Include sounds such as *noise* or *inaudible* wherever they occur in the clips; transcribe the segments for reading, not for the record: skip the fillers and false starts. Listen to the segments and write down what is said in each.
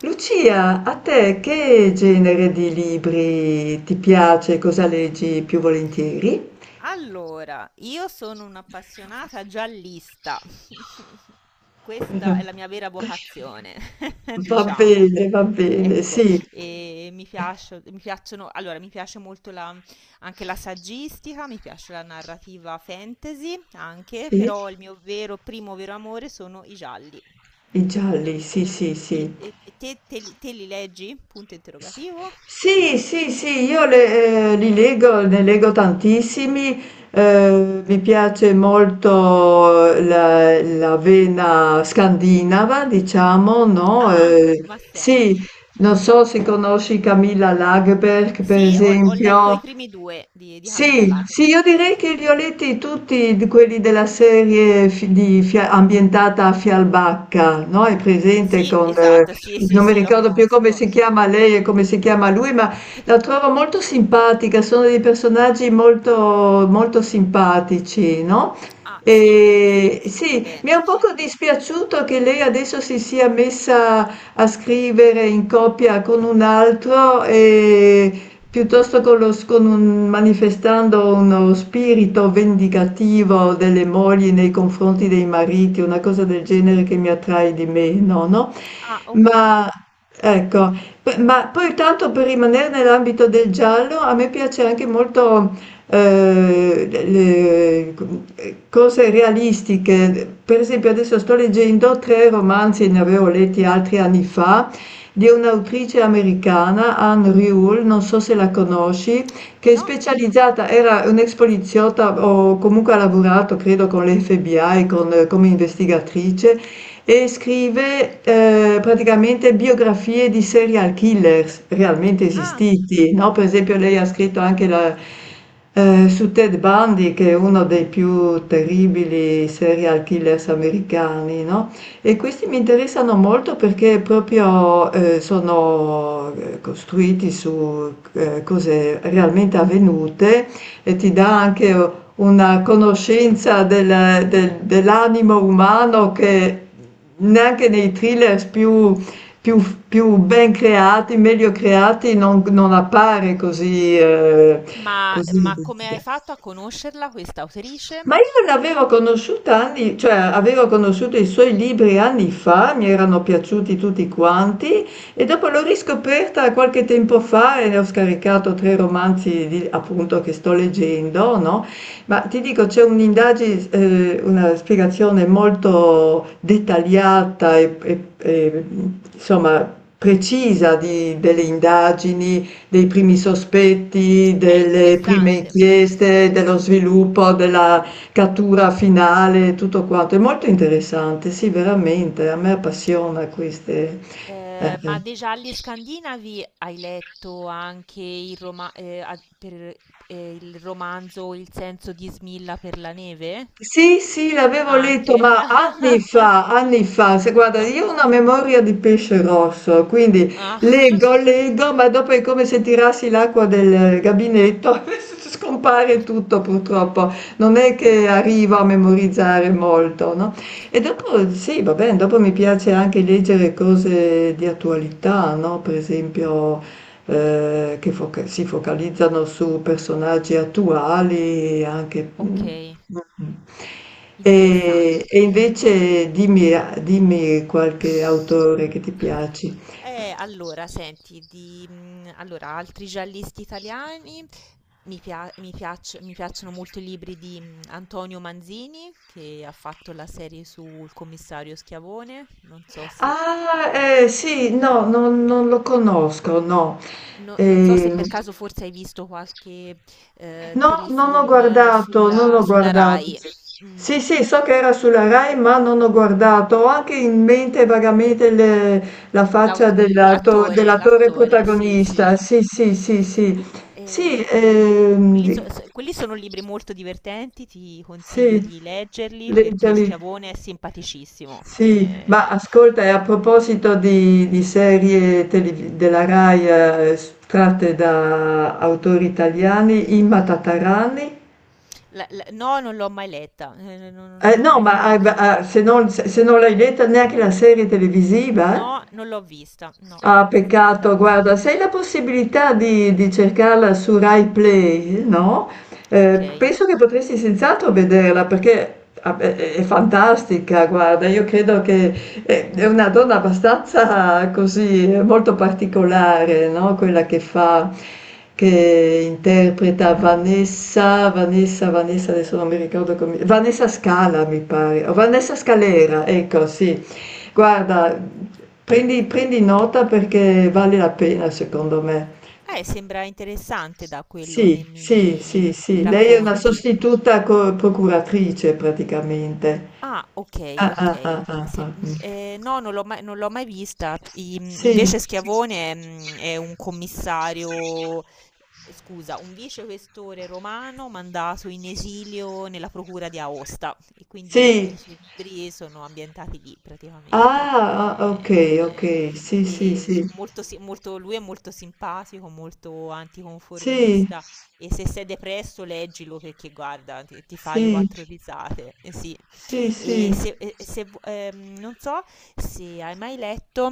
Lucia, a te che genere di libri ti piace? Cosa leggi più volentieri? Allora, io sono un'appassionata giallista. *laughs* Questa è la *laughs* mia vera vocazione, *laughs* diciamo. Va bene, Ecco, sì, e mi piacciono, allora, mi piace molto anche la saggistica, mi piace la narrativa fantasy anche, sì, però il mio vero, primo vero amore sono i gialli. i Non gialli, so- sì, sì, sì. E te, te li leggi? Punto interrogativo. No. Sì, sì, sì, li leggo, ne leggo tantissimi, mi piace molto la vena scandinava, diciamo, no? Ah, no, ma Sì, senti. non so se conosci Camilla Lagerberg, per Sì, ho letto esempio. i primi 2 di Camilla Sì, sì, io Lagerberg. direi che li ho letti tutti quelli della serie ambientata a Fialbacca, no? È presente Sì, con, esatto, sì, sì, non mi sì, lo ricordo più come conosco. si chiama lei e come si chiama lui, ma Ti la trovo molto simpatica, sono dei personaggi molto, molto simpatici, no? Ah, sì, es sì, E scritto sì, mi è bene, un sì. poco dispiaciuto che lei adesso si sia messa a scrivere in coppia con un altro e piuttosto con lo- con un- manifestando uno spirito vendicativo delle mogli nei confronti dei mariti, una cosa del genere che mi attrae di meno, no? Ah, okay, Ma okay, ecco, ma poi tanto per rimanere nell'ambito del giallo, a me piace anche molto eh, le- cose realistiche. Per esempio, adesso sto okay. leggendo tre romanzi, ne avevo letti altri anni fa, di un'autrice americana, Anne Rule, non so se la conosci, che è No. specializzata, era un ex poliziotta o comunque ha lavorato credo con l'FBI, con, come investigatrice, e scrive praticamente biografie di serial killers realmente Ah, esistiti, no? Per esempio no. lei ha scritto anche su Ted Bundy, che è uno dei più terribili serial killers americani, no? E questi mi interessano molto perché proprio sono costruiti su cose realmente avvenute e ti dà anche una conoscenza dell'animo umano che neanche nei thriller più- più ben creati, meglio creati, non, non appare così, Ma così. ma come hai fatto a conoscerla questa autrice? Ma io l'avevo conosciuta anni, cioè avevo conosciuto i suoi libri anni fa, mi erano piaciuti tutti quanti, e dopo l'ho riscoperta qualche tempo fa e ne ho scaricato tre romanzi appunto che sto leggendo, no? Ma ti dico, c'è un'indagine, una spiegazione molto dettagliata e, insomma precisa delle indagini, dei primi sospetti, delle prime Interessante. inchieste, dello sviluppo della cattura finale, tutto quanto. È molto interessante, sì, veramente, a me appassiona queste... eh, Ma eh. dei gialli scandinavi hai letto anche il romanzo Il senso di Smilla per la neve? Sì, sì, l'avevo letto, Anche. ma *laughs* anni fa, se guarda, Ah, io ho una memoria di pesce rosso, quindi ah. leggo, *laughs* leggo, ma dopo è come se tirassi l'acqua del gabinetto, *laughs* scompare tutto purtroppo, non è che arrivo a memorizzare molto, no? E dopo, sì, va bene, dopo mi piace anche leggere cose di attualità, no? Per esempio si focalizzano su personaggi attuali, anche... mm, Okay, mm. Interessante. E invece dimmi, dimmi qualche autore che ti piaci. Allora senti allora altri giallisti italiani, mi piacciono molto i libri di, Antonio Manzini, che ha fatto la serie sul commissario Schiavone, Ah, sì, no, non, non lo conosco, no. Non so se Ehm, per caso forse hai visto qualche, no, non ho telefilm guardato, non sulla ho sulla guardato. Rai. Mh. Sì, sì, so che era sulla Rai, ma non ho guardato. Ho anche in mente vagamente la faccia l'attore, dell'attore l'attore, sì, sì. protagonista. Sì, sì, sì, sì. Sì, Eh, Quelli sono libri molto divertenti, ti consiglio sì, di leggerli leggia perché lì. Schiavone è simpaticissimo. Sì, ma ascolta, e a proposito di serie della Rai tratte da autori italiani, Imma Tatarani. No, non l'ho mai letta, non Eh ho no, mai ma letto hai i ba suoi ah, libri. se non se non l'hai letta, neanche la serie televisiva? Eh? No, non l'ho vista, no, Ah, non l'ho vista. peccato, guarda, se hai la possibilità di cercarla su RaiPlay, no, Ok. Penso che potresti senz'altro vederla perché beh, è fantastica, guarda, io credo che è una donna abbastanza così, molto particolare, no? Quella che fa, che interpreta Vanessa, Vanessa, Vanessa, adesso non mi ricordo come, Vanessa Scala mi pare, o Vanessa Scalera, ecco, sì. Guarda, prendi, prendi nota perché vale la pena secondo me. Sembra interessante da quello Sì, che sì, mi sì, sì, lei è una racconti. sostituta procuratrice praticamente. Ah, ok, Ah, ok. ah, ah, ah, ah, mm. No, non l'ho mai vista. Sì, Invece Schiavone è un commissario, scusa, un vicequestore romano mandato in esilio nella procura di Aosta. E quindi sì, i suoi libri sono ambientati lì praticamente. ah, ah, ok, ok, E, sì, sì, e sì, lui è molto simpatico, molto sì, anticonformista. E se sei depresso, leggilo perché guarda, ti fai sì, quattro risate. Eh sì. sì, sì. E se vu- Non so se hai mai letto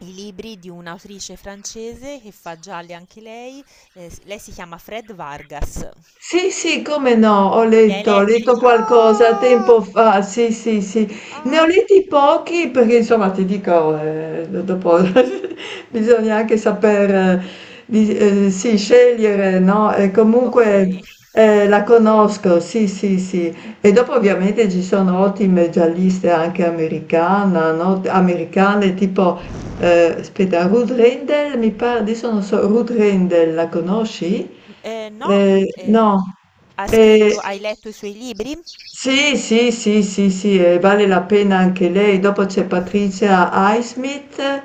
i libri di un'autrice francese che fa gialli anche lei, lei si chiama Fred Vargas. Sì, sì, come no, Li hai ho letto letti? qualcosa Ah! tempo fa, sì, sì, sì. Ne ho Ah! letti pochi perché insomma ti dico, dopo *laughs* bisogna anche saper, sì, scegliere, no? E Ok. comunque la conosco, sì, sì, sì. E dopo ovviamente ci sono ottime gialliste anche americana, no? Americane tipo aspetta, Ruth Rendell, mi pare, adesso non so, Ruth Rendell, la conosci? No, eh, no. Eh, hai letto i suoi libri? sì, sì, sì, sì, sì, vale la pena anche lei. Dopo c'è Patricia Highsmith,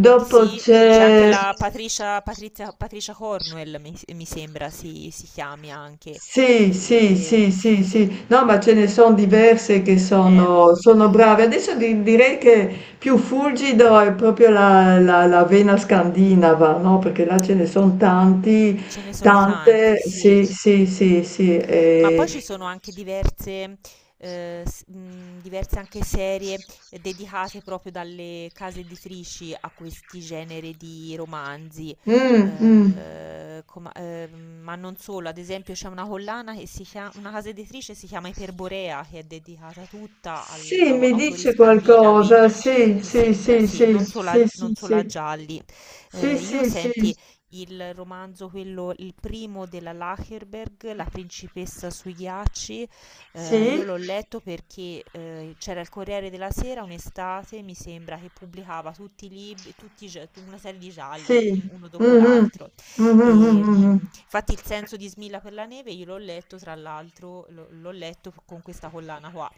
Sì, c'è anche c'è... la Patricia Cornwell, mi sembra si chiami anche, Sì, sì, che sì, sì, sì. No, ma ce ne sono diverse che eh, sono, sono brave. Adesso direi che più fulgido è proprio la vena scandinava, no? Perché là ce ne sono tanti, ce ne sono tante. tanti, sì. Sì, sì, sì, sì. Ma poi Eh. ci sono anche diverse anche serie, dedicate proprio dalle case editrici a questi generi di romanzi, Mm, mm. Com ma non solo, ad esempio c'è una collana che si chia una casa editrice si chiama Iperborea, che è dedicata tutta al Sì, au mi autori dice scandinavi, qualcosa. Sì, mi sì, sembra, sì, sì, sì, non solo sì, sì, a sì. gialli. Sì, Io sì, sì, senti, il romanzo quello il primo della Lagerberg, La principessa sui ghiacci, io sì, l'ho letto perché, c'era il Corriere della Sera un'estate, mi sembra, che pubblicava tutti i lib tutti i gia tu una serie di sì. gialli, uno Mm, dopo mm. l'altro. Mm, mm, mm, mm, mm. Infatti Il senso di Smilla per la neve io l'ho letto, tra l'altro l'ho letto f con questa collana qua.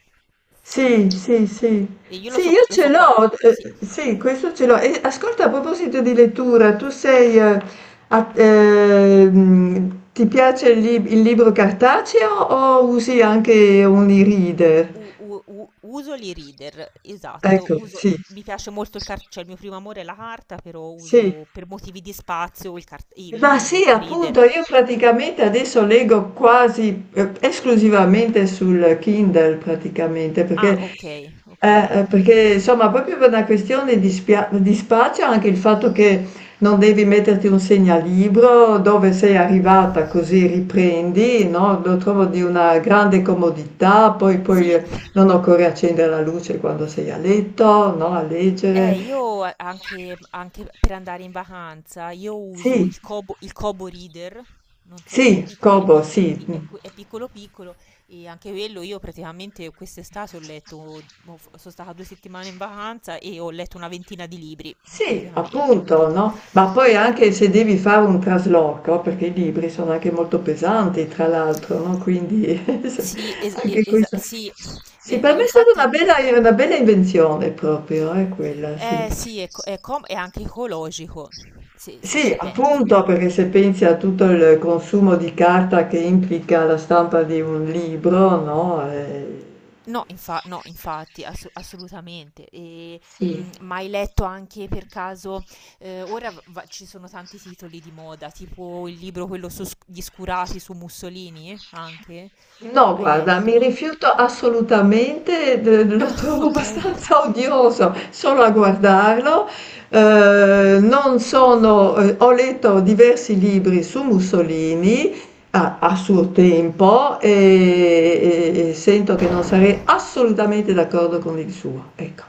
E Sì, sì, sì. e io Sì, io lo ce so qua, l'ho, sì. Sì, questo ce l'ho. E ascolta, a proposito di lettura, tu sei, ti piace il libro cartaceo o usi anche un e-reader? U- u- u- Uso gli reader, esatto, Ecco, uso, sì, mi piace molto il cartone, cioè il mio primo amore è la carta, però sì. uso per motivi di spazio il, Ma sì, l'ebook appunto, reader. io praticamente adesso leggo quasi esclusivamente sul Kindle, praticamente, Ah, perché, ok, ok. Perché, insomma, proprio per una questione di spazio, anche il fatto che non devi metterti un segnalibro dove sei arrivata, così riprendi, no? Lo trovo di una grande comodità, poi, poi Sì. eh, non occorre accendere la luce quando sei a letto, no? A leggere. Anche per andare in vacanza, io uso Sì, il Kobo Reader, non so che è, sì, pic- è Kobo, sì. piccolo, pi- è, que- è piccolo piccolo, e anche quello io praticamente quest'estate ho letto, ho f- sono stata 2 settimane in vacanza e ho letto una ventina di libri, Sì, praticamente. appunto, no? Ma poi anche se devi fare un trasloco, perché i libri sono anche molto pesanti, tra l'altro, no? Quindi *laughs* se- Sì, anche sì, questo. sì, Sì, per me è stata infatti, una bella invenzione proprio, quella, sì. Sì, è, co- è com- è anche ecologico, se Sì, ci pensi. appunto, perché se pensi a tutto il consumo di carta che implica la stampa di un libro, no? No, infa no, infatti, assu assolutamente. Sì. Ma hai letto anche per caso, ora v va ci sono tanti titoli di moda, tipo il libro quello su sc Gli Scurati su Mussolini, anche? No, Hai guarda, mi letto? rifiuto assolutamente, lo Ah, trovo okay. abbastanza *laughs* odioso solo a guardarlo. Okay. Non sono, ho letto diversi libri su Mussolini a, suo tempo e sento che non sarei assolutamente d'accordo con il suo. Ecco,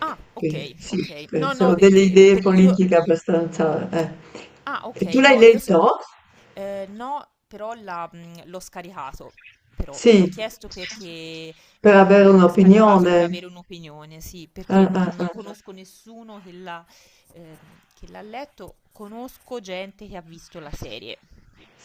Ah, che okay, sì, okay. No, no, sono delle perché idee per io politiche abbastanza.... Ah, E tu okay, l'hai no, io se letto? No, però l'ho scaricato, però. Te l'ho Sì, chiesto perché, per avere l'ho scaricato per un'opinione. avere un'opinione, sì, perché Ah, ah, non ah. non conosco nessuno ehm, che l'ha letto, conosco gente che ha visto la serie,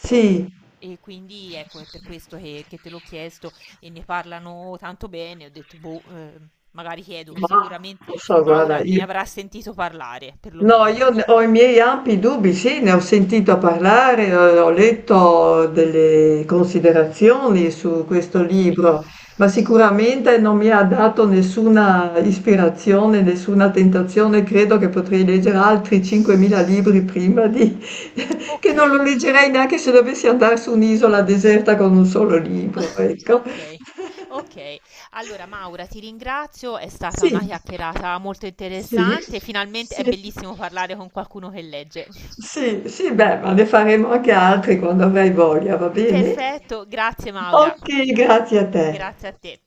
però. E quindi ecco, è per questo che te l'ho chiesto e ne parlano tanto bene, ho detto: "Boh, magari chiedo." ma Sicuramente non so, guarda, Maura ne io avrà sentito parlare, no, perlomeno. Ho i miei ampi dubbi, sì, ne ho sentito parlare, ho letto delle considerazioni su questo Ok. libro, ma sicuramente non mi ha dato nessuna ispirazione, nessuna tentazione. Credo che potrei leggere altri 5.000 libri prima di... *laughs* che Ok, non lo leggerei neanche se dovessi andare su un'isola deserta con un solo libro, ecco. ok. Ok, allora Maura ti ringrazio, è stata Sì, una chiacchierata molto sì, interessante, finalmente è sì. bellissimo parlare con qualcuno che legge. Sì, sì, beh, ma ne faremo anche altri quando avrai voglia, va bene? Perfetto, grazie Maura, Ok, grazie a te. grazie a te.